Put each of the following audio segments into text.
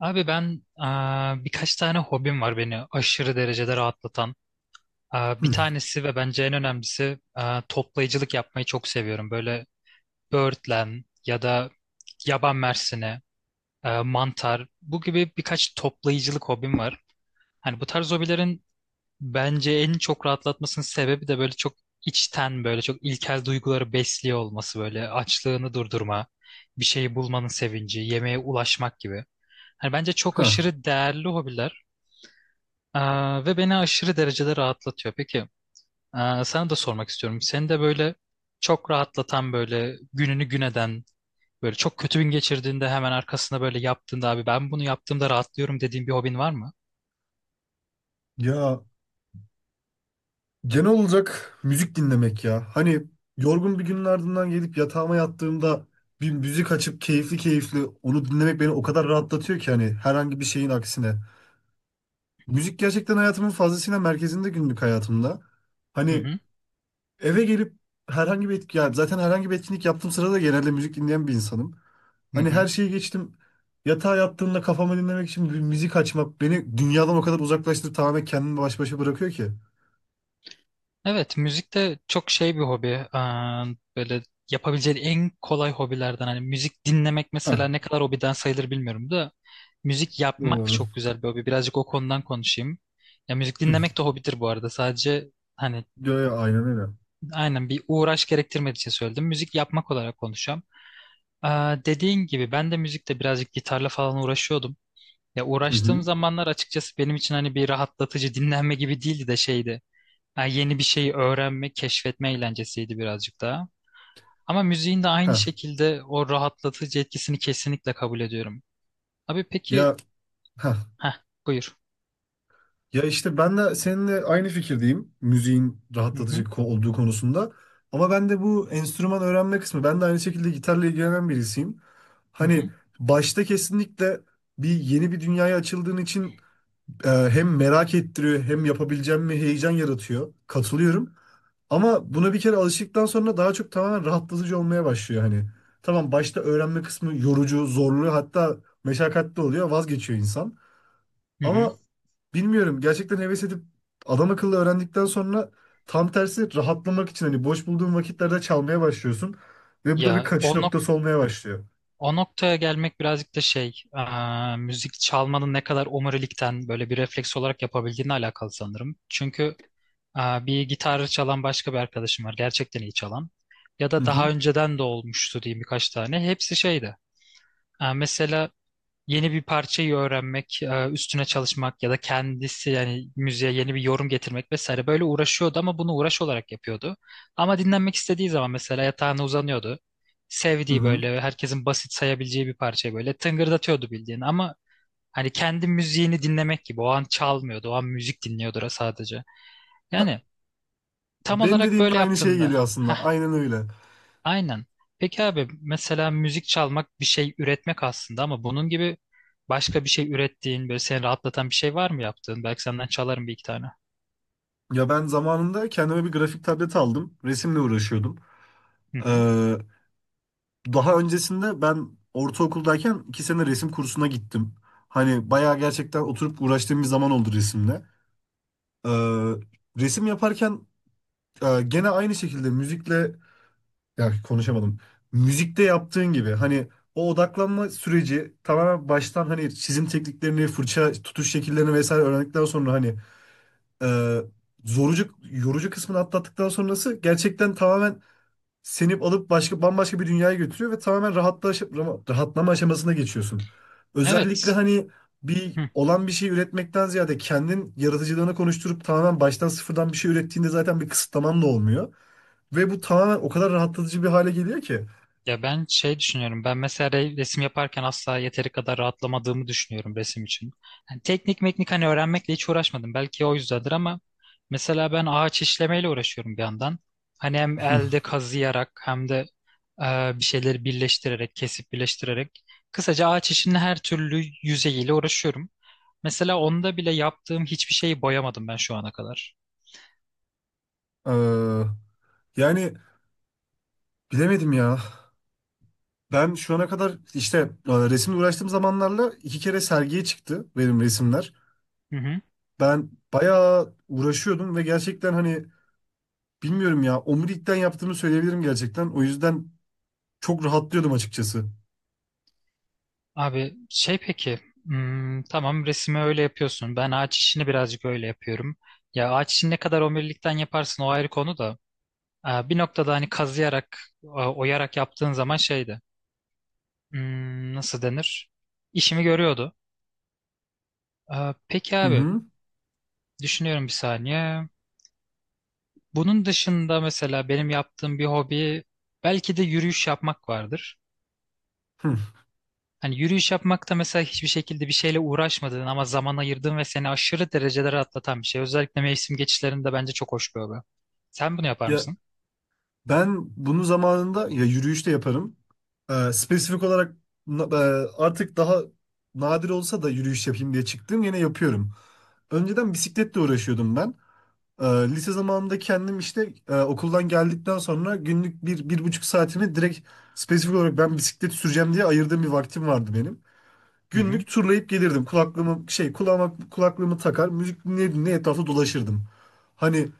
Abi ben birkaç tane hobim var beni aşırı derecede rahatlatan. Bir Hı. tanesi ve bence en önemlisi toplayıcılık yapmayı çok seviyorum. Böyle böğürtlen ya da yaban mersini, mantar bu gibi birkaç toplayıcılık hobim var. Hani bu tarz hobilerin bence en çok rahatlatmasının sebebi de böyle çok içten böyle çok ilkel duyguları besliyor olması böyle açlığını durdurma, bir şeyi bulmanın sevinci, yemeğe ulaşmak gibi. Hani bence çok Ha. aşırı değerli hobiler. Ve beni aşırı derecede rahatlatıyor. Peki, sana da sormak istiyorum. Seni de böyle çok rahatlatan böyle gününü gün eden böyle çok kötü gün geçirdiğinde hemen arkasında böyle yaptığında abi ben bunu yaptığımda rahatlıyorum dediğin bir hobin var mı? Ya, genel olarak müzik dinlemek ya. Hani yorgun bir günün ardından gelip yatağıma yattığımda bir müzik açıp keyifli keyifli onu dinlemek beni o kadar rahatlatıyor ki, hani herhangi bir şeyin aksine. Müzik gerçekten hayatımın fazlasıyla merkezinde, günlük hayatımda. Hı Hani hı. eve gelip ya zaten herhangi bir etkinlik yaptığım sırada genelde müzik dinleyen bir insanım. Hı Hani her hı. şeyi geçtim. Yatağa yattığımda kafamı dinlemek için bir müzik açmak beni dünyadan o kadar uzaklaştırıp tamamen kendimi baş başa bırakıyor ki. Evet, müzik de çok şey bir hobi. Böyle yapabileceğin en kolay hobilerden hani müzik dinlemek Heh. mesela ne kadar hobiden sayılır bilmiyorum da müzik yapmak Doğru. çok güzel bir hobi. Birazcık o konudan konuşayım. Ya müzik dinlemek de hobidir bu arada. Sadece hani Ya, ya aynen öyle. aynen bir uğraş gerektirmediği için söyledim. Müzik yapmak olarak konuşacağım. Dediğin gibi ben de müzikte birazcık gitarla falan uğraşıyordum. Ya Hı uğraştığım hı. zamanlar açıkçası benim için hani bir rahatlatıcı dinlenme gibi değildi de şeydi. Ha, yeni bir şeyi öğrenme, keşfetme eğlencesiydi birazcık daha. Ama müziğin de aynı Ha, şekilde o rahatlatıcı etkisini kesinlikle kabul ediyorum. Abi peki, ya, ha, ha buyur. ya işte ben de seninle aynı fikirdeyim. Müziğin Hı rahatlatıcı hı, olduğu konusunda. Ama ben de bu enstrüman öğrenme kısmı. Ben de aynı şekilde gitarla ilgilenen birisiyim. hı Hani hı, başta kesinlikle yeni bir dünyaya açıldığın için hem merak ettiriyor hem yapabileceğim mi heyecan yaratıyor. Katılıyorum. Ama buna bir kere alıştıktan sonra daha çok tamamen rahatlatıcı olmaya başlıyor hani. Tamam, başta öğrenme kısmı yorucu, zorlu, hatta meşakkatli oluyor, vazgeçiyor insan. hı hı. Ama bilmiyorum, gerçekten heves edip adam akıllı öğrendikten sonra tam tersi rahatlamak için hani boş bulduğun vakitlerde çalmaya başlıyorsun. Ve bu da bir Ya kaçış o noktası olmaya başlıyor. o noktaya gelmek birazcık da şey, müzik çalmanın ne kadar omurilikten böyle bir refleks olarak yapabildiğine alakalı sanırım. Çünkü bir gitarı çalan başka bir arkadaşım var, gerçekten iyi çalan. Ya Hı da daha hı, önceden de olmuştu diyeyim birkaç tane. Hepsi şeydi. Mesela yeni bir parçayı öğrenmek, üstüne çalışmak ya da kendisi yani müziğe yeni bir yorum getirmek vesaire böyle uğraşıyordu ama bunu uğraş olarak yapıyordu. Ama dinlenmek istediği zaman mesela yatağına uzanıyordu. hı Sevdiği hı. böyle herkesin basit sayabileceği bir parçayı böyle tıngırdatıyordu bildiğin ama hani kendi müziğini dinlemek gibi o an çalmıyordu, o an müzik dinliyordu sadece. Yani tam Benim olarak dediğimde böyle aynı şey yaptığında. geliyor aslında. Aynen öyle. Aynen. Peki abi mesela müzik çalmak bir şey üretmek aslında ama bunun gibi başka bir şey ürettiğin böyle seni rahatlatan bir şey var mı yaptığın? Belki senden çalarım bir iki tane. Ya, ben zamanında kendime bir grafik tableti aldım. Resimle uğraşıyordum. Hı hı. Daha öncesinde ben ortaokuldayken 2 sene resim kursuna gittim. Hani bayağı gerçekten oturup uğraştığım bir zaman oldu resimle. Ee, Resim yaparken gene aynı şekilde müzikle ya konuşamadım. Müzikte yaptığın gibi hani o odaklanma süreci tamamen baştan hani çizim tekniklerini, fırça tutuş şekillerini vesaire öğrendikten sonra hani e, zorucu, yorucu kısmını atlattıktan sonrası gerçekten tamamen seni alıp başka bambaşka bir dünyaya götürüyor ve tamamen rahatlama aşamasına geçiyorsun. Özellikle Evet. hani bir olan bir şey üretmekten ziyade kendin yaratıcılığını konuşturup tamamen baştan sıfırdan bir şey ürettiğinde zaten bir kısıtlaman da olmuyor. Ve bu tamamen o kadar rahatlatıcı bir hale geliyor ki. Ya ben şey düşünüyorum. Ben mesela resim yaparken asla yeteri kadar rahatlamadığımı düşünüyorum resim için. Yani teknik meknik hani öğrenmekle hiç uğraşmadım. Belki o yüzdendir ama mesela ben ağaç işlemeyle uğraşıyorum bir yandan. Hani hem elde kazıyarak hem de bir şeyleri birleştirerek, kesip birleştirerek. Kısaca ağaç işinin her türlü yüzeyiyle uğraşıyorum. Mesela onda bile yaptığım hiçbir şeyi boyamadım ben şu ana kadar. Ee, Yani, bilemedim ya. Ben şu ana kadar işte resimle uğraştığım zamanlarla 2 kere sergiye çıktı benim resimler. Ben bayağı uğraşıyordum ve gerçekten hani bilmiyorum ya. Omurilikten yaptığımı söyleyebilirim gerçekten. O yüzden çok rahatlıyordum açıkçası. Abi şey peki tamam resmi öyle yapıyorsun. Ben ağaç işini birazcık öyle yapıyorum. Ya ağaç işini ne kadar omurilikten yaparsın o ayrı konu da. Bir noktada hani kazıyarak, oyarak yaptığın zaman şeydi. Nasıl denir? İşimi görüyordu. Peki Hı abi hı. düşünüyorum bir saniye. Bunun dışında mesela benim yaptığım bir hobi belki de yürüyüş yapmak vardır. Hı. Hani yürüyüş yapmak da mesela hiçbir şekilde bir şeyle uğraşmadığın ama zaman ayırdığın ve seni aşırı derecede rahatlatan bir şey. Özellikle mevsim geçişlerinde bence çok hoş bir hobi. Sen bunu yapar Ya, mısın? ben bunu zamanında ya yürüyüşte yaparım. Spesifik olarak artık daha nadir olsa da yürüyüş yapayım diye çıktım. Yine yapıyorum. Önceden bisikletle uğraşıyordum ben. Lise zamanında kendim işte okuldan geldikten sonra günlük bir, bir buçuk saatimi direkt spesifik olarak ben bisiklet süreceğim diye ayırdığım bir vaktim vardı benim. Hı hı. Günlük turlayıp gelirdim. Kulaklığımı şey kulağıma kulaklığımı takar, müzik dinleye dinleye etrafta dolaşırdım. Hani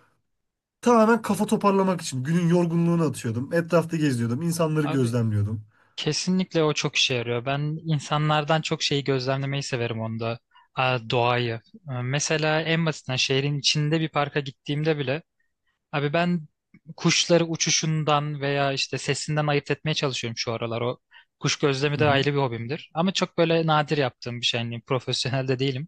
tamamen kafa toparlamak için günün yorgunluğunu atıyordum. Etrafta geziyordum, insanları Abi gözlemliyordum. kesinlikle o çok işe yarıyor. Ben insanlardan çok şeyi gözlemlemeyi severim onda. Doğayı. Mesela en basitinden şehrin içinde bir parka gittiğimde bile abi ben kuşları uçuşundan veya işte sesinden ayırt etmeye çalışıyorum şu aralar. O kuş gözlemi Hı de hı. ayrı bir hobimdir. Ama çok böyle nadir yaptığım bir şey. Yani profesyonel de değilim.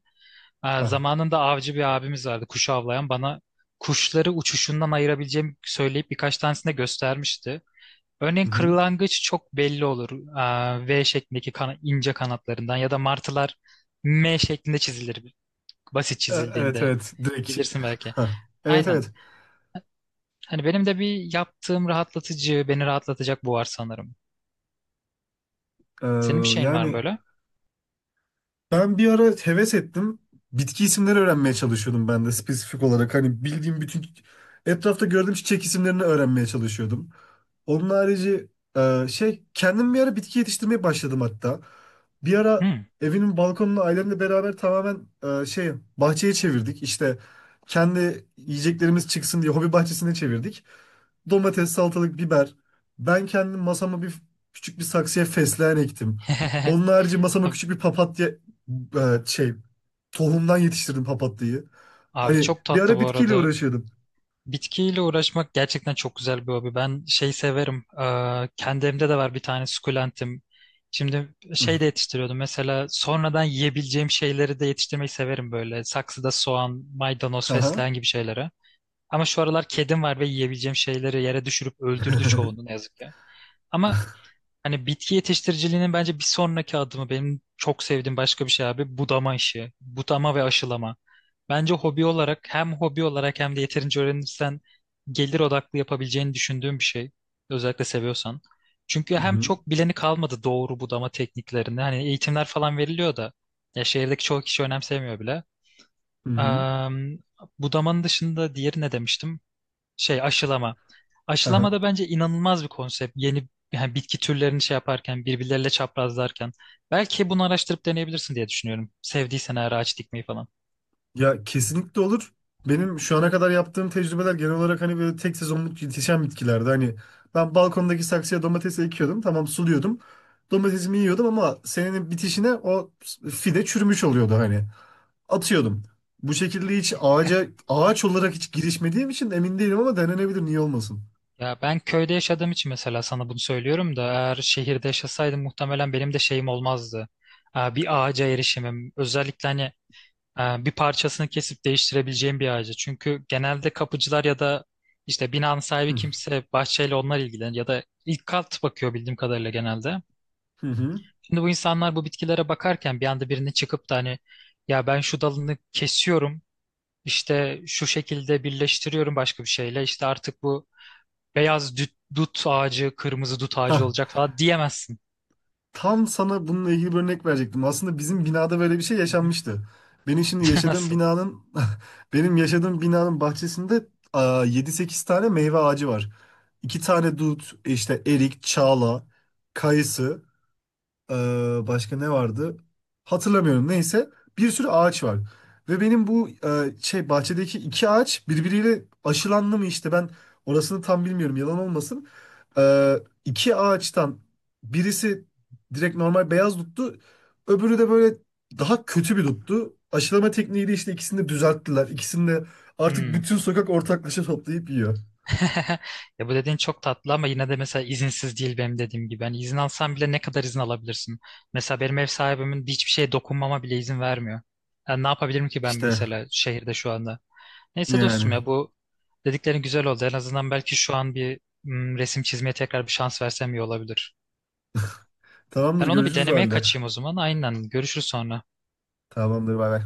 Ah, Zamanında avcı bir abimiz vardı kuşu avlayan bana kuşları uçuşundan ayırabileceğimi söyleyip birkaç tanesini de göstermişti. Örneğin hı hı. kırlangıç çok belli olur. V şeklindeki ince kanatlarından ya da martılar M şeklinde çizilir basit Evet, çizildiğinde. evet, direkt. Bilirsin belki. Hah. Evet, Aynen. evet. Hani benim de bir yaptığım rahatlatıcı, beni rahatlatacak bu var sanırım. Ee, Senin bir şeyin var mı yani böyle? Ben bir ara heves ettim. Bitki isimleri öğrenmeye çalışıyordum ben de spesifik olarak. Hani bildiğim bütün etrafta gördüğüm çiçek isimlerini öğrenmeye çalışıyordum. Onun harici kendim bir ara bitki yetiştirmeye başladım hatta. Bir ara Hmm. evimin balkonunu ailemle beraber tamamen e, şey bahçeye çevirdik. İşte kendi yiyeceklerimiz çıksın diye hobi bahçesine çevirdik. Domates, salatalık, biber. Ben kendim masama küçük bir saksıya fesleğen ektim. Onun harici masama Abi, küçük bir papatya e, şey tohumdan yetiştirdim papatyayı. abi Hani çok bir tatlı ara bu bitkiyle arada. uğraşıyordum. Bitkiyle uğraşmak gerçekten çok güzel bir hobi. Ben şey severim. Kendi evimde de var bir tane sukulentim. Şimdi Hı. şey de yetiştiriyordum. Mesela sonradan yiyebileceğim şeyleri de yetiştirmeyi severim böyle. Saksıda soğan, maydanoz, Aha. fesleğen gibi şeylere. Ama şu aralar kedim var ve yiyebileceğim şeyleri yere düşürüp öldürdü çoğunu ne yazık ki. Ama hani bitki yetiştiriciliğinin bence bir sonraki adımı benim çok sevdiğim başka bir şey abi budama işi. Budama ve aşılama. Bence hobi olarak hem hobi olarak hem de yeterince öğrenirsen gelir odaklı yapabileceğini düşündüğüm bir şey. Özellikle seviyorsan. Çünkü Hı hem hı. çok bileni kalmadı doğru budama tekniklerini. Hani eğitimler falan veriliyor da ya şehirdeki çoğu kişi önemsemiyor bile. Hı hı. Am, Budamanın dışında diğeri ne demiştim? Şey aşılama. Aha. Aşılama da bence inanılmaz bir konsept. Yeni yani bitki türlerini şey yaparken, birbirleriyle çaprazlarken. Belki bunu araştırıp deneyebilirsin diye düşünüyorum. Sevdiysen eğer ağaç dikmeyi falan. Ya, kesinlikle olur. Benim şu ana kadar yaptığım tecrübeler genel olarak hani böyle tek sezonluk yetişen bitkilerde. Hani ben balkondaki saksıya domates ekiyordum. Tamam, suluyordum. Domatesimi yiyordum ama senenin bitişine o fide çürümüş oluyordu hani. Atıyordum. Bu şekilde hiç ağaca ağaç olarak hiç girişmediğim için emin değilim ama denenebilir, niye olmasın. Ya ben köyde yaşadığım için mesela sana bunu söylüyorum da eğer şehirde yaşasaydım muhtemelen benim de şeyim olmazdı. Bir ağaca erişimim. Özellikle hani bir parçasını kesip değiştirebileceğim bir ağacı. Çünkü genelde kapıcılar ya da işte binanın sahibi Hı kimse bahçeyle onlar ilgilenir ya da ilk kat bakıyor bildiğim kadarıyla genelde. hı. Şimdi bu insanlar bu bitkilere bakarken bir anda birinin çıkıp da hani ya ben şu dalını kesiyorum işte şu şekilde birleştiriyorum başka bir şeyle işte artık bu beyaz dut, dut ağacı kırmızı dut ağacı Hah. olacak falan diyemezsin. Tam sana bununla ilgili bir örnek verecektim. Aslında bizim binada böyle bir şey Hı hı. yaşanmıştı. Benim şimdi yaşadığım Nasıl? binanın Benim yaşadığım binanın bahçesinde 7-8 tane meyve ağacı var. 2 tane dut, işte erik, çağla, kayısı. Ee, Başka ne vardı? Hatırlamıyorum. Neyse. Bir sürü ağaç var. Ve benim bu bahçedeki 2 ağaç birbiriyle aşılandı mı işte, ben orasını tam bilmiyorum, yalan olmasın. Ee, 2 ağaçtan birisi direkt normal beyaz duttu. Öbürü de böyle daha kötü bir duttu. Aşılama tekniğiyle işte ikisini de düzelttiler. İkisini de artık Hmm. bütün sokak ortaklaşa toplayıp yiyor. Ya bu dediğin çok tatlı ama yine de mesela izinsiz değil benim dediğim gibi. Hani izin alsan bile ne kadar izin alabilirsin? Mesela benim ev sahibimin hiçbir şeye dokunmama bile izin vermiyor. Yani ne yapabilirim ki ben İşte mesela şehirde şu anda? Neyse yani. dostum ya bu dediklerin güzel oldu. En azından belki şu an bir resim çizmeye tekrar bir şans versem iyi olabilir. Tamamdır, Ben onu bir görüşürüz o denemeye halde. kaçayım o zaman. Aynen görüşürüz sonra. Tamamdır, bay bay.